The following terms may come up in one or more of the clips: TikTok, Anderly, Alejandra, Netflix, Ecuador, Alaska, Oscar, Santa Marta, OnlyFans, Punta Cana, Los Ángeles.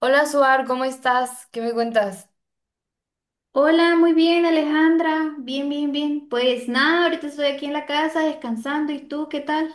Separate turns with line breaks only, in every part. Hola Suar, ¿cómo estás? ¿Qué me cuentas?
Hola, muy bien, Alejandra. Bien. Pues nada, ahorita estoy aquí en la casa descansando. ¿Y tú qué tal?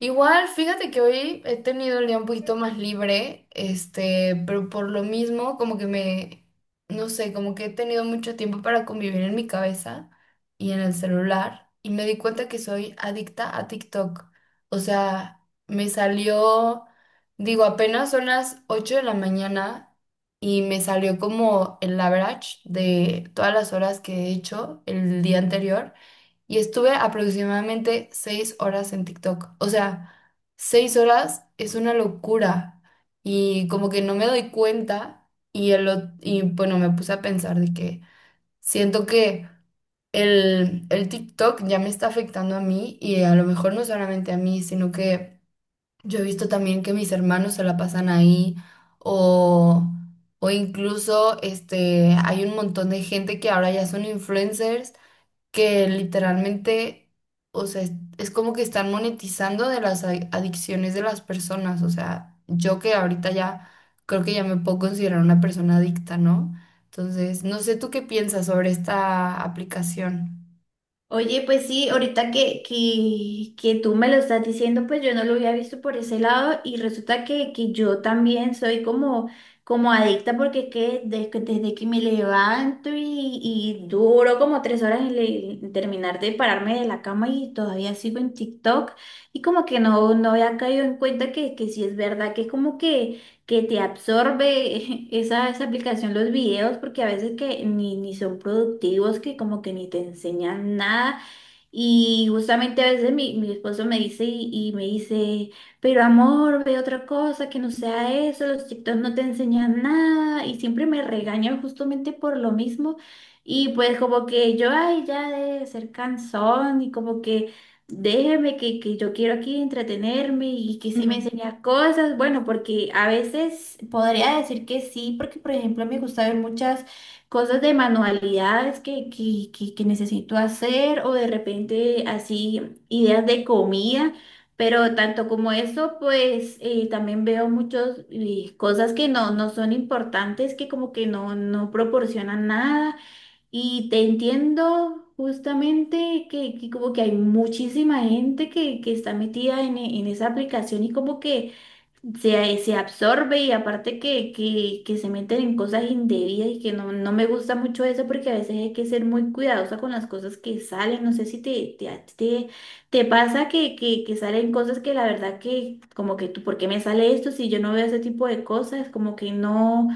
Igual, fíjate que hoy he tenido el día un poquito más libre, pero por lo mismo, no sé, como que he tenido mucho tiempo para convivir en mi cabeza y en el celular, y me di cuenta que soy adicta a TikTok. O sea, me salió, digo, apenas son las 8 de la mañana y me salió como el average de todas las horas que he hecho el día anterior. Y estuve aproximadamente 6 horas en TikTok. O sea, 6 horas es una locura y como que no me doy cuenta y bueno, me puse a pensar de que siento que el TikTok ya me está afectando a mí y a lo mejor no solamente a mí, sino que yo he visto también que mis hermanos se la pasan ahí o... o incluso hay un montón de gente que ahora ya son influencers que literalmente, o sea, es como que están monetizando de las adicciones de las personas. O sea, yo que ahorita ya creo que ya me puedo considerar una persona adicta, ¿no? Entonces, no sé tú qué piensas sobre esta aplicación.
Oye, pues sí, ahorita que tú me lo estás diciendo, pues yo no lo había visto por ese lado y resulta que yo también soy como, como adicta porque es que desde que me levanto y duro como tres horas en, en terminar de pararme de la cama y todavía sigo en TikTok y como que no había caído en cuenta que sí es verdad que es como que te absorbe esa aplicación, los videos, porque a veces que ni son productivos, que como que ni te enseñan nada. Y justamente a veces mi esposo me dice y me dice, pero amor, ve otra cosa que no sea eso, los TikTok no te enseñan nada y siempre me regañan justamente por lo mismo. Y pues como que yo, ay, ya de ser cansón y como que déjeme que yo quiero aquí entretenerme y que sí
Ujú.
me enseña cosas, bueno, porque a veces podría decir que sí, porque por ejemplo me gusta ver muchas cosas de manualidades que necesito hacer o de repente así ideas de comida, pero tanto como eso, pues también veo muchas cosas que no, no son importantes, que como que no, no proporcionan nada y te entiendo. Justamente que como que hay muchísima gente que está metida en esa aplicación y como que se absorbe y aparte que se meten en cosas indebidas y que no, no me gusta mucho eso porque a veces hay que ser muy cuidadosa con las cosas que salen. No sé si te, te, a ti te, te pasa que salen cosas que la verdad que como que tú, ¿por qué me sale esto si yo no veo ese tipo de cosas? Como que no,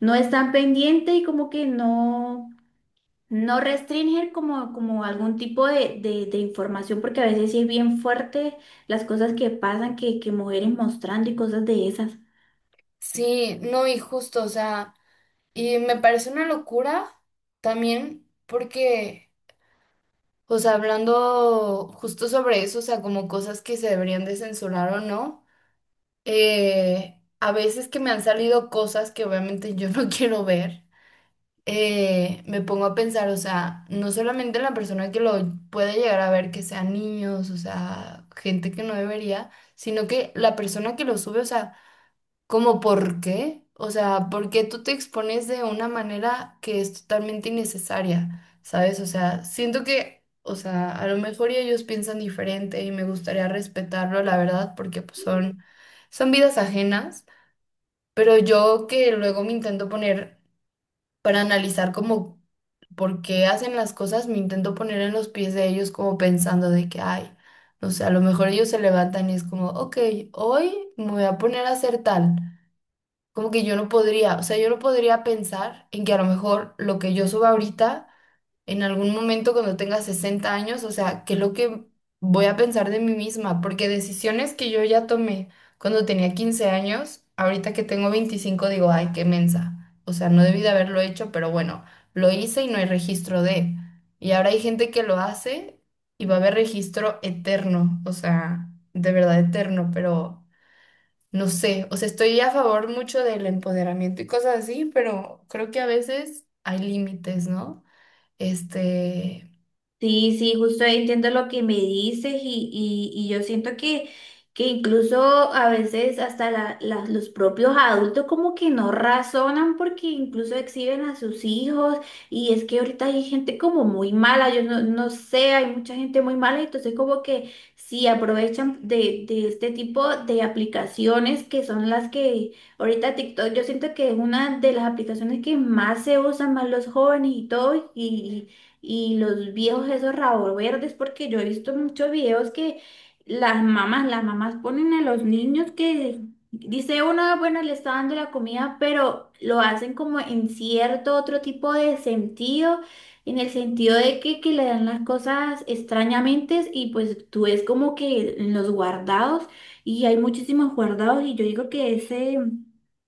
no están pendientes y como que no. No restringir como, como algún tipo de, de información, porque a veces sí es bien fuerte las cosas que pasan, que mujeres mostrando y cosas de esas.
Sí, no, y justo, o sea, y me parece una locura también porque, o sea, hablando justo sobre eso, o sea, como cosas que se deberían de censurar o no. A veces que me han salido cosas que obviamente yo no quiero ver, me pongo a pensar, o sea, no solamente en la persona que lo puede llegar a ver, que sean niños, o sea, gente que no debería, sino que la persona que lo sube, o sea... ¿Cómo por qué? O sea, porque tú te expones de una manera que es totalmente innecesaria, ¿sabes? O sea, siento que, o sea, a lo mejor y ellos piensan diferente y me gustaría respetarlo, la verdad, porque pues son vidas ajenas, pero yo que luego me intento poner para analizar como por qué hacen las cosas, me intento poner en los pies de ellos como pensando de que, ay, no sé, a lo mejor ellos se levantan y es como, ok, hoy me voy a poner a hacer tal, como que yo no podría, o sea, yo no podría pensar en que a lo mejor lo que yo suba ahorita, en algún momento cuando tenga 60 años, o sea, qué es lo que voy a pensar de mí misma, porque decisiones que yo ya tomé cuando tenía 15 años, ahorita que tengo 25 digo, ay, qué mensa, o sea, no debí de haberlo hecho, pero bueno, lo hice y no hay registro de. Y ahora hay gente que lo hace y va a haber registro eterno, o sea, de verdad eterno, pero... No sé, o sea, estoy a favor mucho del empoderamiento y cosas así, pero creo que a veces hay límites, ¿no? Este,
Sí, sí, justo ahí entiendo lo que me dices y yo siento que incluso a veces hasta los propios adultos como que no razonan porque incluso exhiben a sus hijos y es que ahorita hay gente como muy mala, yo no, no sé, hay mucha gente muy mala, entonces como que sí aprovechan de este tipo de aplicaciones que son las que ahorita TikTok yo siento que es una de las aplicaciones que más se usan más los jóvenes y todo y los viejos esos rabos verdes, porque yo he visto muchos videos que las mamás ponen a los niños que dice uno, bueno, le está dando la comida, pero lo hacen como en cierto otro tipo de sentido, en el sentido de que le dan las cosas extrañamente y pues tú es como que en los guardados y hay muchísimos guardados y yo digo que ese...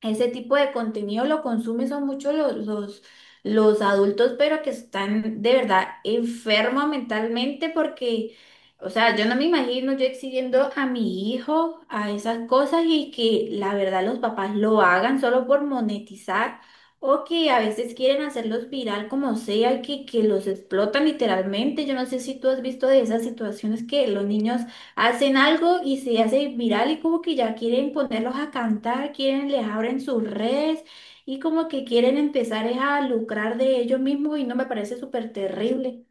Ese tipo de contenido lo consumen son muchos los adultos, pero que están de verdad enfermos mentalmente porque, o sea, yo no me imagino yo exigiendo a mi hijo a esas cosas y que la verdad los papás lo hagan solo por monetizar o que a veces quieren hacerlos viral como sea y que los explotan literalmente. Yo no sé si tú has visto de esas situaciones que los niños hacen algo y se hace viral y como que ya quieren ponerlos a cantar, quieren, les abren sus redes y como que quieren empezar es a lucrar de ellos mismos y no me parece súper terrible.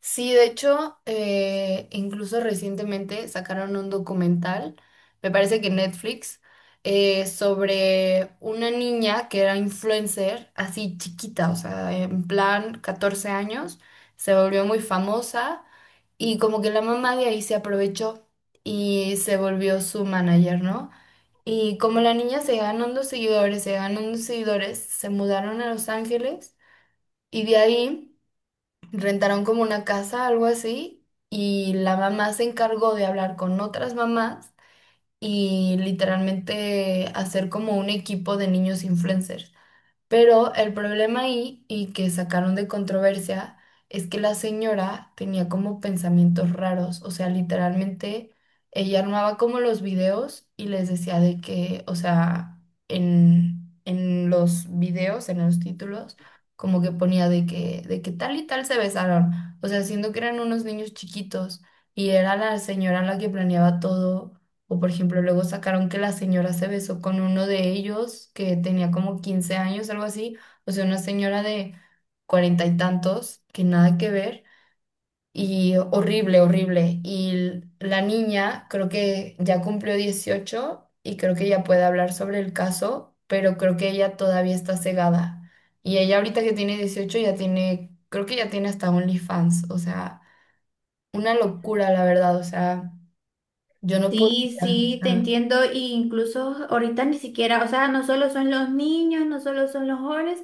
Sí, de hecho, incluso recientemente sacaron un documental, me parece que Netflix, sobre una niña que era influencer, así chiquita, o sea, en plan 14 años, se volvió muy famosa y como que la mamá de ahí se aprovechó y se volvió su manager, ¿no? Y como la niña se ganó unos seguidores, se mudaron a Los Ángeles y de ahí rentaron como una casa, algo así, y la mamá se encargó de hablar con otras mamás y literalmente hacer como un equipo de niños influencers. Pero el problema ahí, y que sacaron de controversia, es que la señora tenía como pensamientos raros, o sea, literalmente ella armaba como los videos y les decía de que, o sea, en los videos, en los títulos, como que ponía de que tal y tal se besaron, o sea, siendo que eran unos niños chiquitos y era la señora la que planeaba todo, o por ejemplo, luego sacaron que la señora se besó con uno de ellos que tenía como 15 años, algo así. O sea, una señora de cuarenta y tantos, que nada que ver. Y horrible, horrible. Y la niña creo que ya cumplió 18 y creo que ya puede hablar sobre el caso, pero creo que ella todavía está cegada. Y ella ahorita que tiene 18 ya tiene, creo que ya tiene hasta OnlyFans. O sea, una locura, la verdad. O sea, yo no podía.
Sí, sí, te entiendo. E incluso ahorita ni siquiera, o sea, no solo son los niños, no solo son los jóvenes,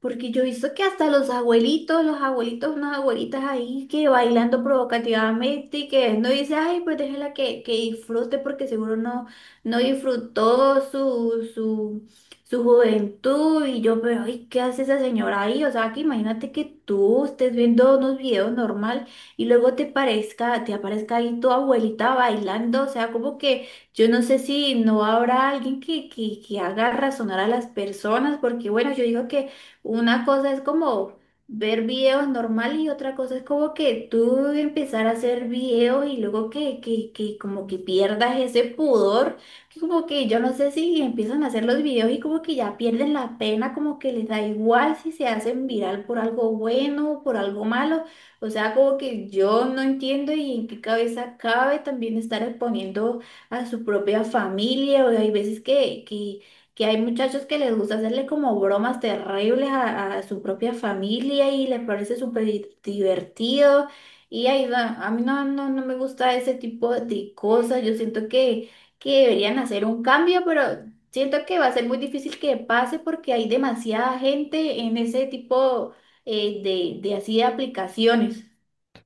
porque yo he visto que hasta los abuelitos, unas abuelitas ahí que bailando provocativamente y que no dice, ay, pues déjela que disfrute porque seguro no, no disfrutó su, su, su juventud. Y yo, pero, ay, ¿qué hace esa señora ahí? O sea, que imagínate que tú estés viendo unos videos normal y luego te parezca, te aparezca ahí tu abuelita bailando, o sea, como que yo no sé si no habrá alguien que haga razonar a las personas, porque bueno, yo digo que una cosa es como ver videos normal y otra cosa es como que tú empezar a hacer videos y luego que como que pierdas ese pudor, que como que yo no sé si empiezan a hacer los videos y como que ya pierden la pena, como que les da igual si se hacen viral por algo bueno o por algo malo. O sea, como que yo no entiendo y en qué cabeza cabe también estar exponiendo a su propia familia. O hay veces que hay muchachos que les gusta hacerle como bromas terribles a su propia familia y les parece súper divertido. Y ahí va, a mí no, no, no me gusta ese tipo de cosas. Yo siento que deberían hacer un cambio, pero siento que va a ser muy difícil que pase porque hay demasiada gente en ese tipo eh, de así de aplicaciones.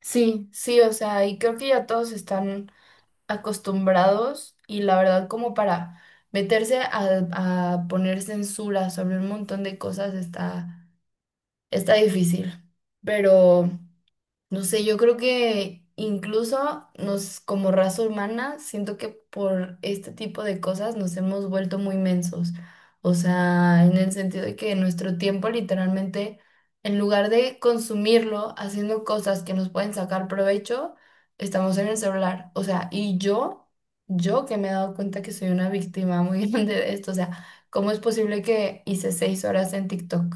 Sí, sí, o sea, y creo que ya todos están acostumbrados y la verdad como para meterse a poner censura sobre un montón de cosas está difícil. Pero, no sé, yo creo que incluso como raza humana, siento que por este tipo de cosas nos hemos vuelto muy mensos. O sea, en el sentido de que nuestro tiempo literalmente, en lugar de consumirlo haciendo cosas que nos pueden sacar provecho, estamos en el celular. O sea, y yo que me he dado cuenta que soy una víctima muy grande de esto. O sea, ¿cómo es posible que hice 6 horas en TikTok?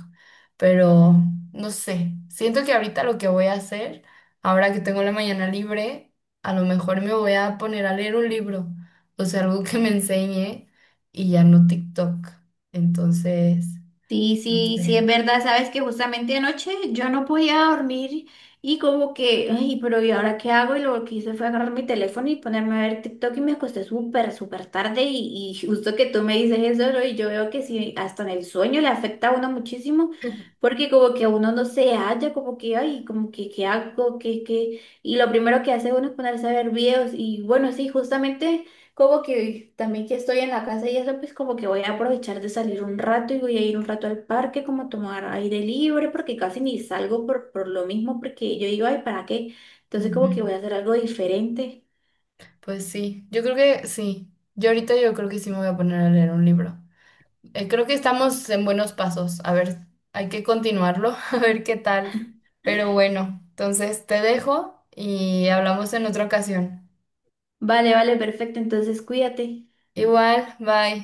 Pero no sé, siento que ahorita lo que voy a hacer, ahora que tengo la mañana libre, a lo mejor me voy a poner a leer un libro, o sea, algo que me enseñe y ya no TikTok. Entonces,
Sí,
no
sí, sí, es
sé.
verdad. Sabes que justamente anoche yo no podía dormir y como que, ay, pero ¿y ahora qué hago? Y lo que hice fue agarrar mi teléfono y ponerme a ver TikTok y me acosté súper tarde y justo que tú me dices eso, ¿no? Y yo veo que sí, hasta en el sueño le afecta a uno muchísimo. Porque como que uno no se halla, como que, ay, como que, ¿qué hago? ¿Qué, qué? Y lo primero que hace uno es ponerse a ver videos. Y bueno, sí, justamente como que también que estoy en la casa y eso, pues como que voy a aprovechar de salir un rato y voy a ir un rato al parque, como a tomar aire libre, porque casi ni salgo por lo mismo, porque yo digo, ay, ¿para qué? Entonces como que voy a
Ujú.
hacer algo diferente.
Pues sí, yo creo que sí. Yo ahorita yo creo que sí me voy a poner a leer un libro. Creo que estamos en buenos pasos. A ver, hay que continuarlo, a ver qué tal. Pero bueno, entonces te dejo y hablamos en otra ocasión.
Vale, vale, perfecto, entonces cuídate.
Igual, bye.